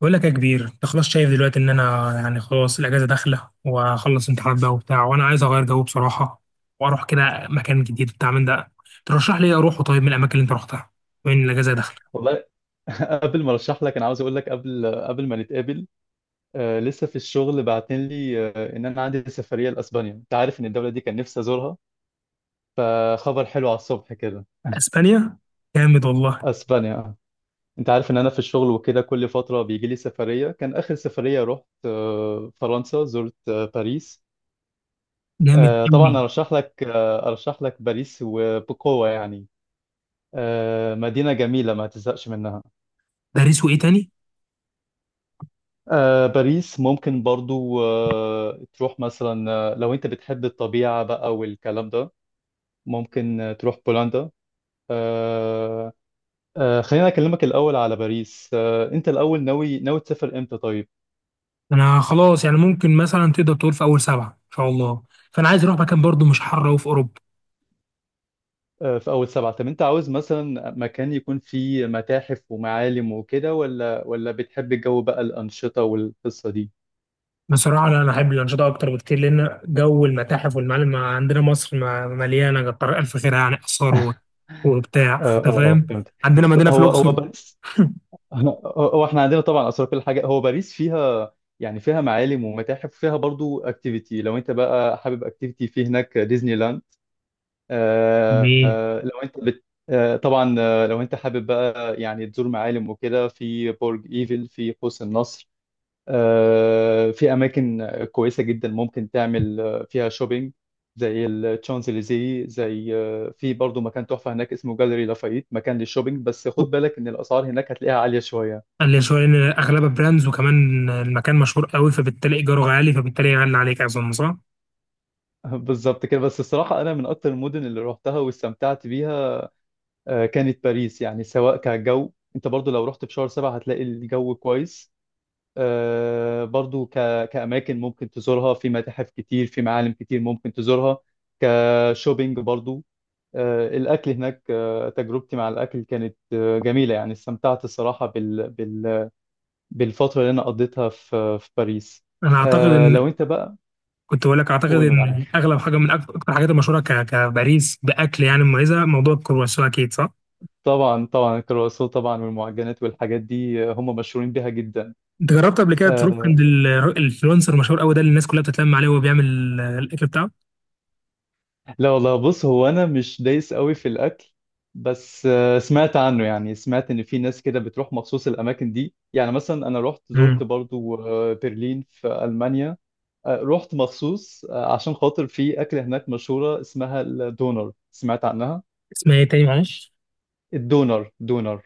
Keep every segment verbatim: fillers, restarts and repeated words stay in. بقول لك يا كبير، انت خلاص شايف دلوقتي ان انا يعني خلاص الاجازه داخله، وهخلص امتحانات بقى وبتاع، وانا عايز اغير جو بصراحه، واروح كده مكان جديد بتاع من ده. ترشح لي اروح طيب من الاماكن اللي انت رحتها. وين الاجازه داخله؟ والله. قبل ما ارشح لك انا عاوز اقول لك قبل قبل ما نتقابل، آه لسه في الشغل بعتين لي آه ان انا عندي سفريه لاسبانيا. انت عارف ان الدوله دي كان نفسي ازورها، فخبر حلو على الصبح كده. اسبانيا؟ جامد والله. اسبانيا آه. انت عارف ان انا في الشغل وكده كل فتره بيجي لي سفريه. كان اخر سفريه رحت آه فرنسا، زرت آه باريس. جامد آه طبعا قوي. ارشح لك آه ارشح لك باريس وبقوه يعني. آه مدينه جميله ما تزهقش منها. باريس وايه تاني؟ آه باريس ممكن برضو آه تروح مثلا، آه، لو انت بتحب الطبيعة بقى والكلام ده ممكن، آه، تروح بولندا. آه آه خلينا اكلمك الاول على باريس. آه انت الاول ناوي ناوي تسافر امتى طيب؟ انا خلاص يعني ممكن مثلا تقدر تقول في اول سبعه ان شاء الله، فانا عايز اروح مكان برضو مش حر وفي اوروبا. آه في اول سبعة. طب انت عاوز مثلا مكان يكون فيه متاحف ومعالم وكده، ولا ولا بتحب الجو بقى الأنشطة والقصة دي؟ بصراحة لا، أنا أحب الأنشطة أكتر بكتير، لأن جو المتاحف والمعالم عندنا مصر ما- مليانة كتر ألف خير يعني، آثار و- وبتاع، اه أنت اه اه فاهم؟ فهمت. عندنا بص، مدينة في هو هو الأقصر. باريس، هو هو احنا عندنا طبعا اثار كل حاجه. هو باريس فيها يعني فيها معالم ومتاحف، وفيها برضو اكتيفيتي. لو انت بقى حابب اكتيفيتي، في هناك ديزني لاند. آه بي- آه لو انت بت آه طبعا، آه لو انت حابب بقى يعني تزور معالم وكده، في برج ايفل، في قوس النصر. آه في اماكن كويسه جدا ممكن تعمل، آه، فيها شوبينج، زي الشانزليزيه، زي، آه، في برضو مكان تحفه هناك اسمه جاليري لافايت، مكان للشوبينج. بس خد بالك ان الاسعار هناك هتلاقيها عاليه شويه. اللي شوية إن أغلبها براندز، وكمان المكان مشهور قوي، فبالتالي إيجاره غالي، فبالتالي يغلي عليك، أظن صح؟ بالظبط كده. بس الصراحة أنا من أكتر المدن اللي روحتها واستمتعت بيها، آه، كانت باريس. يعني سواء كجو، أنت برضو لو رحت في شهر سبعة هتلاقي الجو كويس، آه، برضو ك... كأماكن ممكن تزورها، في متاحف كتير، في معالم كتير ممكن تزورها، كشوبينج برضو. آه، الأكل هناك، آه، تجربتي مع الأكل كانت، آه، جميلة. يعني استمتعت الصراحة بال... بال... بالفترة اللي أنا قضيتها في في باريس. أنا أعتقد آه، لو إن أنت بقى كنت بقول لك، أعتقد قول إن معاك. أغلب حاجة من أكتر أكتر الحاجات المشهورة ك- كباريس بأكل يعني مميزة، موضوع الكرواسون أكيد صح؟ طبعا طبعا الكرواسون، طبعا والمعجنات والحاجات دي، آه، هم مشهورين بيها جدا. أنت جربت قبل كده تروح آه، عند ال- الإنفلونسر المشهور قوي ده اللي الناس كلها بتتلم عليه، وهو بيعمل الأكل بتاعه؟ لا والله. بص، هو انا مش دايس قوي في الاكل، بس آه سمعت عنه، يعني سمعت ان في ناس كده بتروح مخصوص الاماكن دي. يعني مثلا انا رحت مم. زرت برضو آه برلين في المانيا، آه رحت مخصوص آه عشان خاطر في اكله هناك مشهوره اسمها الدونر، سمعت عنها. اسمها ايه تاني معلش؟ الدونر، دونر.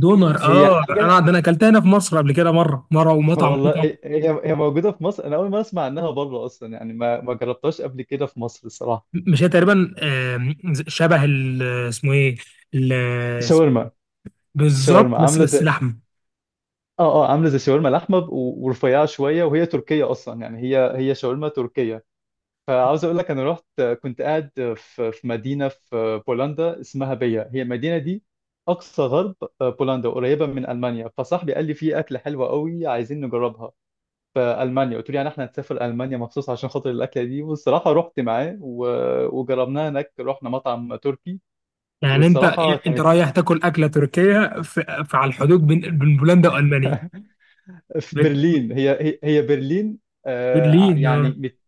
دونر، هي اه، انا حاجه، ده انا اكلتها هنا في مصر قبل كده، مره مره ومطعم والله مطعم. هي هي هي موجودة في مصر. أنا أول ما أسمع عنها بره أصلا، يعني ما ما جربتهاش قبل كده في مصر الصراحة. مش هي تقريبا، آم، شبه ال- اسمه ايه؟ ال- اسم- شاورما. بالظبط، شاورما بس عاملة بس زي، لحم. آه آه عاملة زي شاورما لحمة ب- و- ورفيعة شوية، وهي تركية أصلا يعني. هي هي شاورما تركية. فعاوز أقول لك أنا رحت، كنت قاعد في في مدينة في بولندا اسمها بيا. هي المدينة دي أقصى غرب، آه، بولندا قريبة من ألمانيا. فصاحبي قال لي في أكلة حلوة قوي عايزين نجربها في المانيا. قلت له يعني احنا هنسافر المانيا مخصوص عشان خاطر الاكله دي؟ والصراحه رحت معاه و... وجربناها هناك، رحنا مطعم تركي. يعني انت، والصراحه انت كانت… رايح تاكل اكله تركيه في, في على الحدود بين بين بولندا والمانيا؟ في بت- برلين، هي هي هي برلين. آه ع- برلين، يعني اه. مت-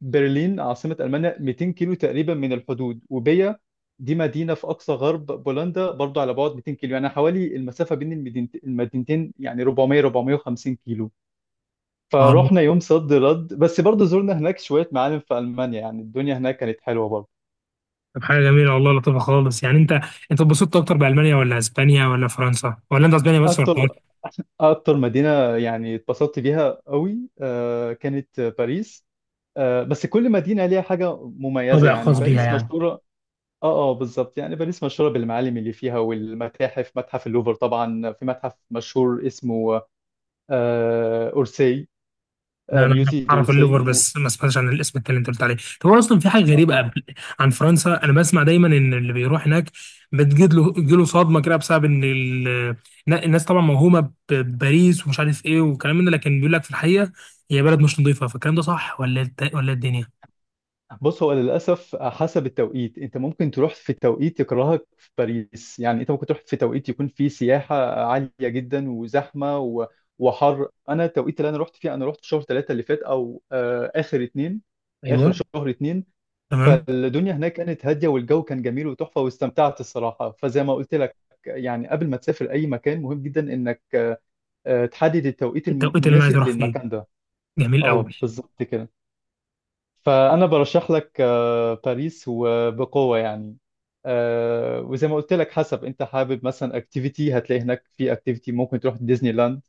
برلين عاصمه المانيا، مئتين كيلو تقريبا من الحدود. وبيا دي مدينه في اقصى غرب بولندا برضو، على بعد مئتين كيلو. يعني حوالي المسافه بين المدينت- المدينتين يعني اربعمية اربعمية وخمسين كيلو. آه. فروحنا يوم صد رد، بس برضو زرنا هناك شويه معالم في المانيا. يعني الدنيا هناك كانت حلوه برضو. طب حاجه جميله والله، لطيفه خالص. يعني انت، انت اتبسطت اكتر بالمانيا ولا اسبانيا ولا فرنسا، ولا انت اسبانيا بس، ولا اكتر، فرنسا؟ اكتر مدينه يعني اتبسطت بيها قوي، آه، كانت باريس. آه، بس كل مدينه ليها حاجه مميزه. طابع يعني خاص بيها باريس يعني. مشهوره… اه اه بالظبط. يعني باريس مشهوره بالمعالم اللي فيها والمتاحف، متحف اللوفر طبعا، في متحف مشهور اسمه، آه، اورسي، لا آه، انا ميوزي اعرف الليفر دورسي. بس، ما سمعتش عن الاسم التاني اللي انت قلت عليه. طب هو اصلا في حاجه غريبه، قبل عن فرنسا انا بسمع دايما ان اللي بيروح هناك بتجد له له صدمه كده، بسبب ان ال- الناس طبعا موهومه بباريس ومش عارف ايه وكلام من ده، لكن بيقول لك في الحقيقه هي بلد مش نظيفه. فالكلام ده صح، ولا إيه الت- ولا إيه الدنيا؟ بص، هو للأسف حسب التوقيت. أنت ممكن تروح في توقيت يكرهك في باريس. يعني أنت ممكن تروح في توقيت يكون فيه سياحة عالية جدا وزحمة و... وحر. أنا التوقيت اللي أنا رحت فيه، أنا رحت شهر ثلاثة اللي فات، أو آه آخر اتنين، آخر ايوه. شهر اتنين. تمام. فالدنيا هناك كانت هادية والجو كان جميل وتحفة، واستمتعت الصراحة. فزي ما قلت لك، يعني قبل ما تسافر أي مكان مهم جدا إنك آه آه، تحدد التوقيت التوقيت اللي انا عايز المناسب اروح فيه للمكان ده. جميل قوي. أه بالظبط كده. فأنا برشح لك، آه، باريس وبقوة يعني. آه، وزي ما قلت لك، حسب أنت حابب. مثلا اكتيفيتي هتلاقي هناك، في اكتيفيتي ممكن تروح ديزني لاند،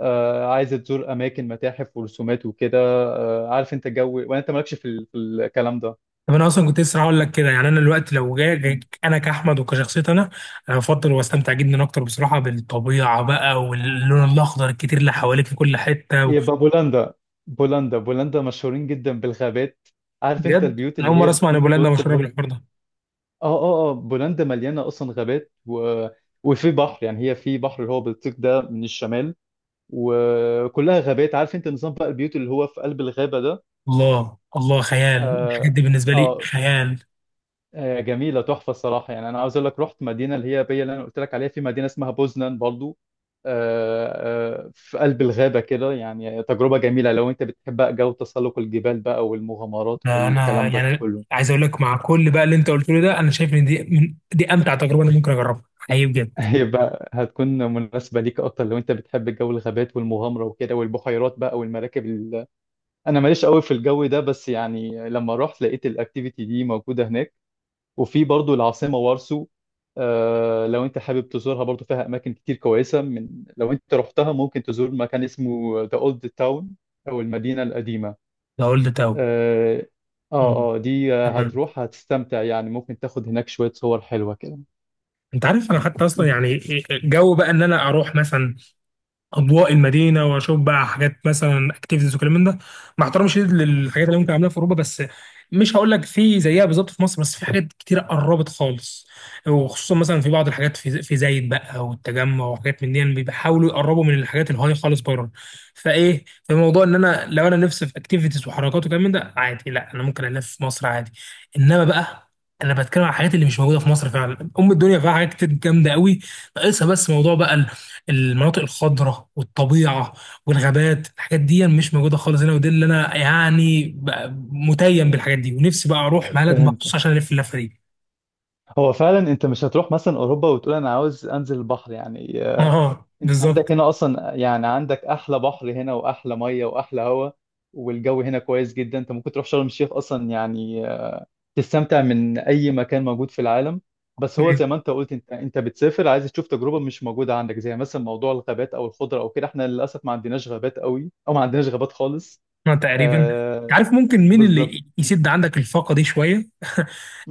آه، عايز تزور أماكن، متاحف ورسومات وكده. آه، عارف أنت جو، وأنت مالكش في ال- في الكلام ده، طب انا اصلا كنت لسه هقول لك كده، يعني انا دلوقتي لو جاي جاي- انا كاحمد وكشخصيتي، انا، انا بفضل واستمتع جدا اكتر بصراحه بالطبيعه بقى واللون الاخضر الكتير اللي حواليك في كل حته و- يبقى بولندا. بولندا بولندا مشهورين جدا بالغابات. عارف انت بجد البيوت انا اللي اول مره هي اسمع ان بتكون في بولندا وسط مشهوره الغابة؟ بالحوار ده. اه اه اه بولندا مليانة اصلا غابات و... وفي بحر. يعني هي في بحر اللي هو بيطيق ده من الشمال، وكلها غابات. عارف انت نظام بقى البيوت اللي هو في قلب الغابة ده؟ الله الله، خيال، الحاجات اه، دي بالنسبه لي آه خيال. آه، جميلة تحفة الصراحة. يعني أنا عاوز أقول لك رحت مدينة اللي هي بي، اللي أنا قلت لك عليها، في مدينة اسمها بوزنان برضو، آه، آه، في قلب الغابة كده. يعني تجربة جميلة لو أنت بتحب بقى جو تسلق الجبال بقى والمغامرات انا أنا والكلام ده يعني كله. عايز اقول لك، مع كل بقى اللي انت قلته لي ده، انا شايف ان دي من دي امتع تجربه انا ممكن اجربها حقيقي بجد. هيبقى، هتكون مناسبة ليك أكتر لو أنت بتحب جو الغابات والمغامرة وكده، والبحيرات بقى والمراكب ال... أنا ماليش قوي في الجو ده، بس يعني لما رحت لقيت الأكتيفيتي دي موجودة هناك. وفي برضو العاصمة وارسو، آه، لو انت حابب تزورها برضو فيها اماكن كتير كويسة. من لو انت رحتها ممكن تزور مكان اسمه ذا اولد تاون، او المدينة القديمة. ده قلت تاو؟ اه مم. اه آه، دي، آه، تمام. هتروح هتستمتع. يعني ممكن تاخد هناك شوية صور حلوة كده. انت عارف انا حتى اصلا يعني، جو بقى ان انا اروح مثلا اضواء المدينه، واشوف بقى حاجات مثلا اكتيفيتيز وكلام من ده، مع احترامي الشديد للحاجات اللي ممكن اعملها في اوروبا، بس مش هقول لك في زيها بالظبط في مصر، بس في حاجات كتير قربت خالص، وخصوصا مثلا في بعض الحاجات في في زايد بقى والتجمع وحاجات من دي، يعني بيحاولوا يقربوا من الحاجات الهاي خالص بره. فايه في موضوع ان انا لو انا نفسي في اكتيفيتيز وحركات وكلام من ده عادي، لا انا ممكن الف في مصر عادي، انما بقى انا بتكلم عن الحاجات اللي مش موجوده في مصر فعلا. ام الدنيا فيها حاجات كتير جامده قوي، ناقصها بس موضوع بقى المناطق الخضراء والطبيعه والغابات. الحاجات دي مش موجوده خالص هنا، ودي اللي انا يعني بقى متيم بالحاجات دي ونفسي بقى اروح بلد مخصوص فهمتك. عشان الف اللفه دي. هو فعلا انت مش هتروح مثلا اوروبا وتقول انا عاوز انزل البحر، يعني، آه، اه انت عندك بالظبط. هنا اصلا. يعني عندك احلى بحر هنا، واحلى مية، واحلى هواء، والجو هنا كويس جدا. انت ممكن تروح شرم الشيخ اصلا، يعني تستمتع من اي مكان موجود في العالم. بس هو زي ما انت قلت، انت انت بتسافر عايز تشوف تجربه مش موجوده عندك، زي مثلا موضوع الغابات او الخضره او كده. احنا للاسف ما عندناش غابات قوي، او ما عندناش غابات خالص. ما تقريبا. آه. عارف ممكن مين بالظبط. اللي يسد عندك الفاقه دي شويه؟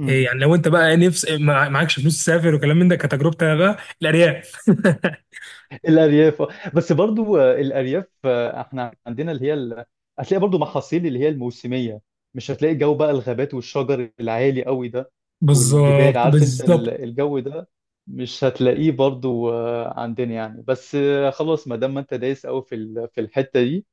إيه يعني، لو انت بقى نفس مع- معكش فلوس تسافر وكلام من ده، كتجربتي انا بقى، الارياف. الارياف آه. بس برضو، آه، الارياف، آه، احنا عندنا اللي هي ال... هتلاقي برضو محاصيل اللي هي الموسميه. مش هتلاقي جو بقى الغابات والشجر العالي قوي ده، والجبال. بالظبط عارف انت ال- بالظبط. الجو ده مش هتلاقيه برضو، آه، عندنا يعني. بس آه، خلاص، ما دام ما انت دايس قوي في ال- في الحته دي،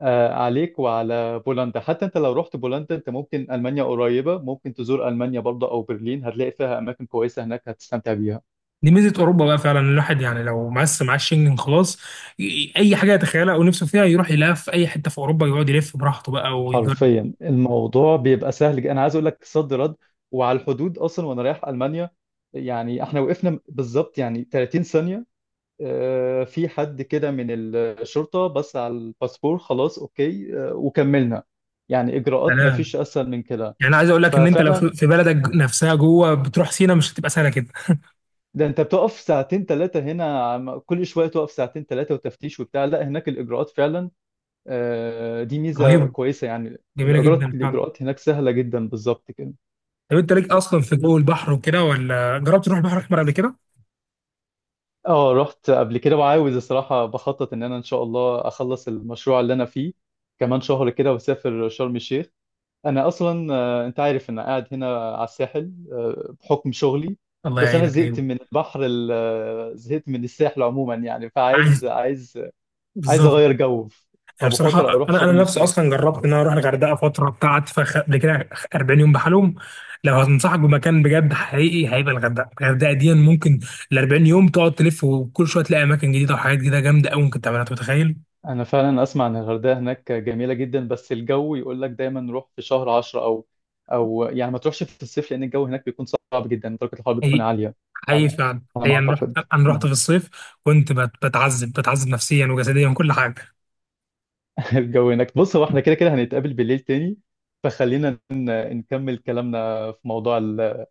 آه، عليك وعلى بولندا. حتى انت لو رحت بولندا، انت ممكن، المانيا قريبه، ممكن تزور المانيا برضو، او برلين هتلاقي فيها اماكن كويسه هناك هتستمتع بيها. دي ميزه اوروبا بقى فعلا، الواحد يعني لو مقسم معاه الشنجن خلاص، ي- اي حاجه يتخيلها او نفسه فيها يروح يلف في اي حته في اوروبا، يقعد يلف براحته بقى ويجرب. حرفيا الموضوع بيبقى سهل. ج- انا عايز اقول لك صد رد. وعلى الحدود اصلا وانا رايح المانيا، يعني احنا وقفنا بالظبط يعني ثلاثين ثانيه. آه، في حد كده من الشرطه بص على الباسبور، خلاص اوكي، آه، وكملنا. يعني اجراءات ما سلام. فيش اسهل من كده. يعني عايز اقول لك ان انت لو ففعلا، في في بلدك نفسها جوه بتروح سينا، مش هتبقى سهله كده. ده انت بتقف ساعتين ثلاثه هنا، عم- كل شويه تقف ساعتين ثلاثه وتفتيش وبتاع. لا هناك الاجراءات فعلا، آه، دي ميزه رهيبه. كويسه. يعني جميله الاجراءات جدا فعلا. الاجراءات هناك سهله جدا، بالظبط كده. طب انت ليك اصلا في جو البحر وكده، ولا جربت تروح البحر الاحمر قبل كده؟ اه رحت قبل كده، وعاوز الصراحة بخطط ان انا ان شاء الله اخلص المشروع اللي انا فيه كمان شهر كده، واسافر شرم الشيخ. انا اصلا، آه، انت عارف انا قاعد هنا على الساحل، آه، بحكم شغلي. الله بس انا يعينك زهقت ايوه. من البحر ال- آه، زهقت من الساحل عموما يعني. عايز. فعايز، عايز، عايز بالظبط. اغير جو. يعني بصراحة فبفكر اروح أنا أنا شرم نفسي الشيخ. أصلا جربت إن أنا أروح الغردقة فترة بتاعت فخ قبل كده، أربعين يوم بحالهم. لو هتنصحك بمكان بجد حقيقي هيبقى الغردقة، الغردقة دي ممكن ال أربعين يوم تقعد تلف، وكل شوية تلاقي أماكن جديدة وحاجات جديدة جامدة أوي ممكن تعملها، أنت متخيل؟ انا فعلا اسمع ان الغردقه هناك جميله جدا، بس الجو يقول لك دايما روح في شهر عشرة، او او يعني ما تروحش في الصيف، لان الجو هناك بيكون صعب جدا، درجه الحراره بتكون حقيقي. عاليه. حقيقي على، فعلا، على ما هي أنا رحت اعتقد. أنا رحت مم. في الصيف، كنت بت- بتعذب بتعذب نفسيا وجسديا وكل حاجة. الجو هناك… بص هو احنا كده كده هنتقابل بالليل تاني، فخلينا ن- نكمل كلامنا في موضوع ال-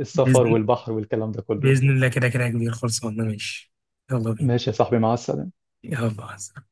السفر بإذن والبحر والكلام ده كله. بإذن الله كده كده يا كبير، خلصانة ماشي. يلا بينا. ماشي يا صاحبي، مع السلامه. يلا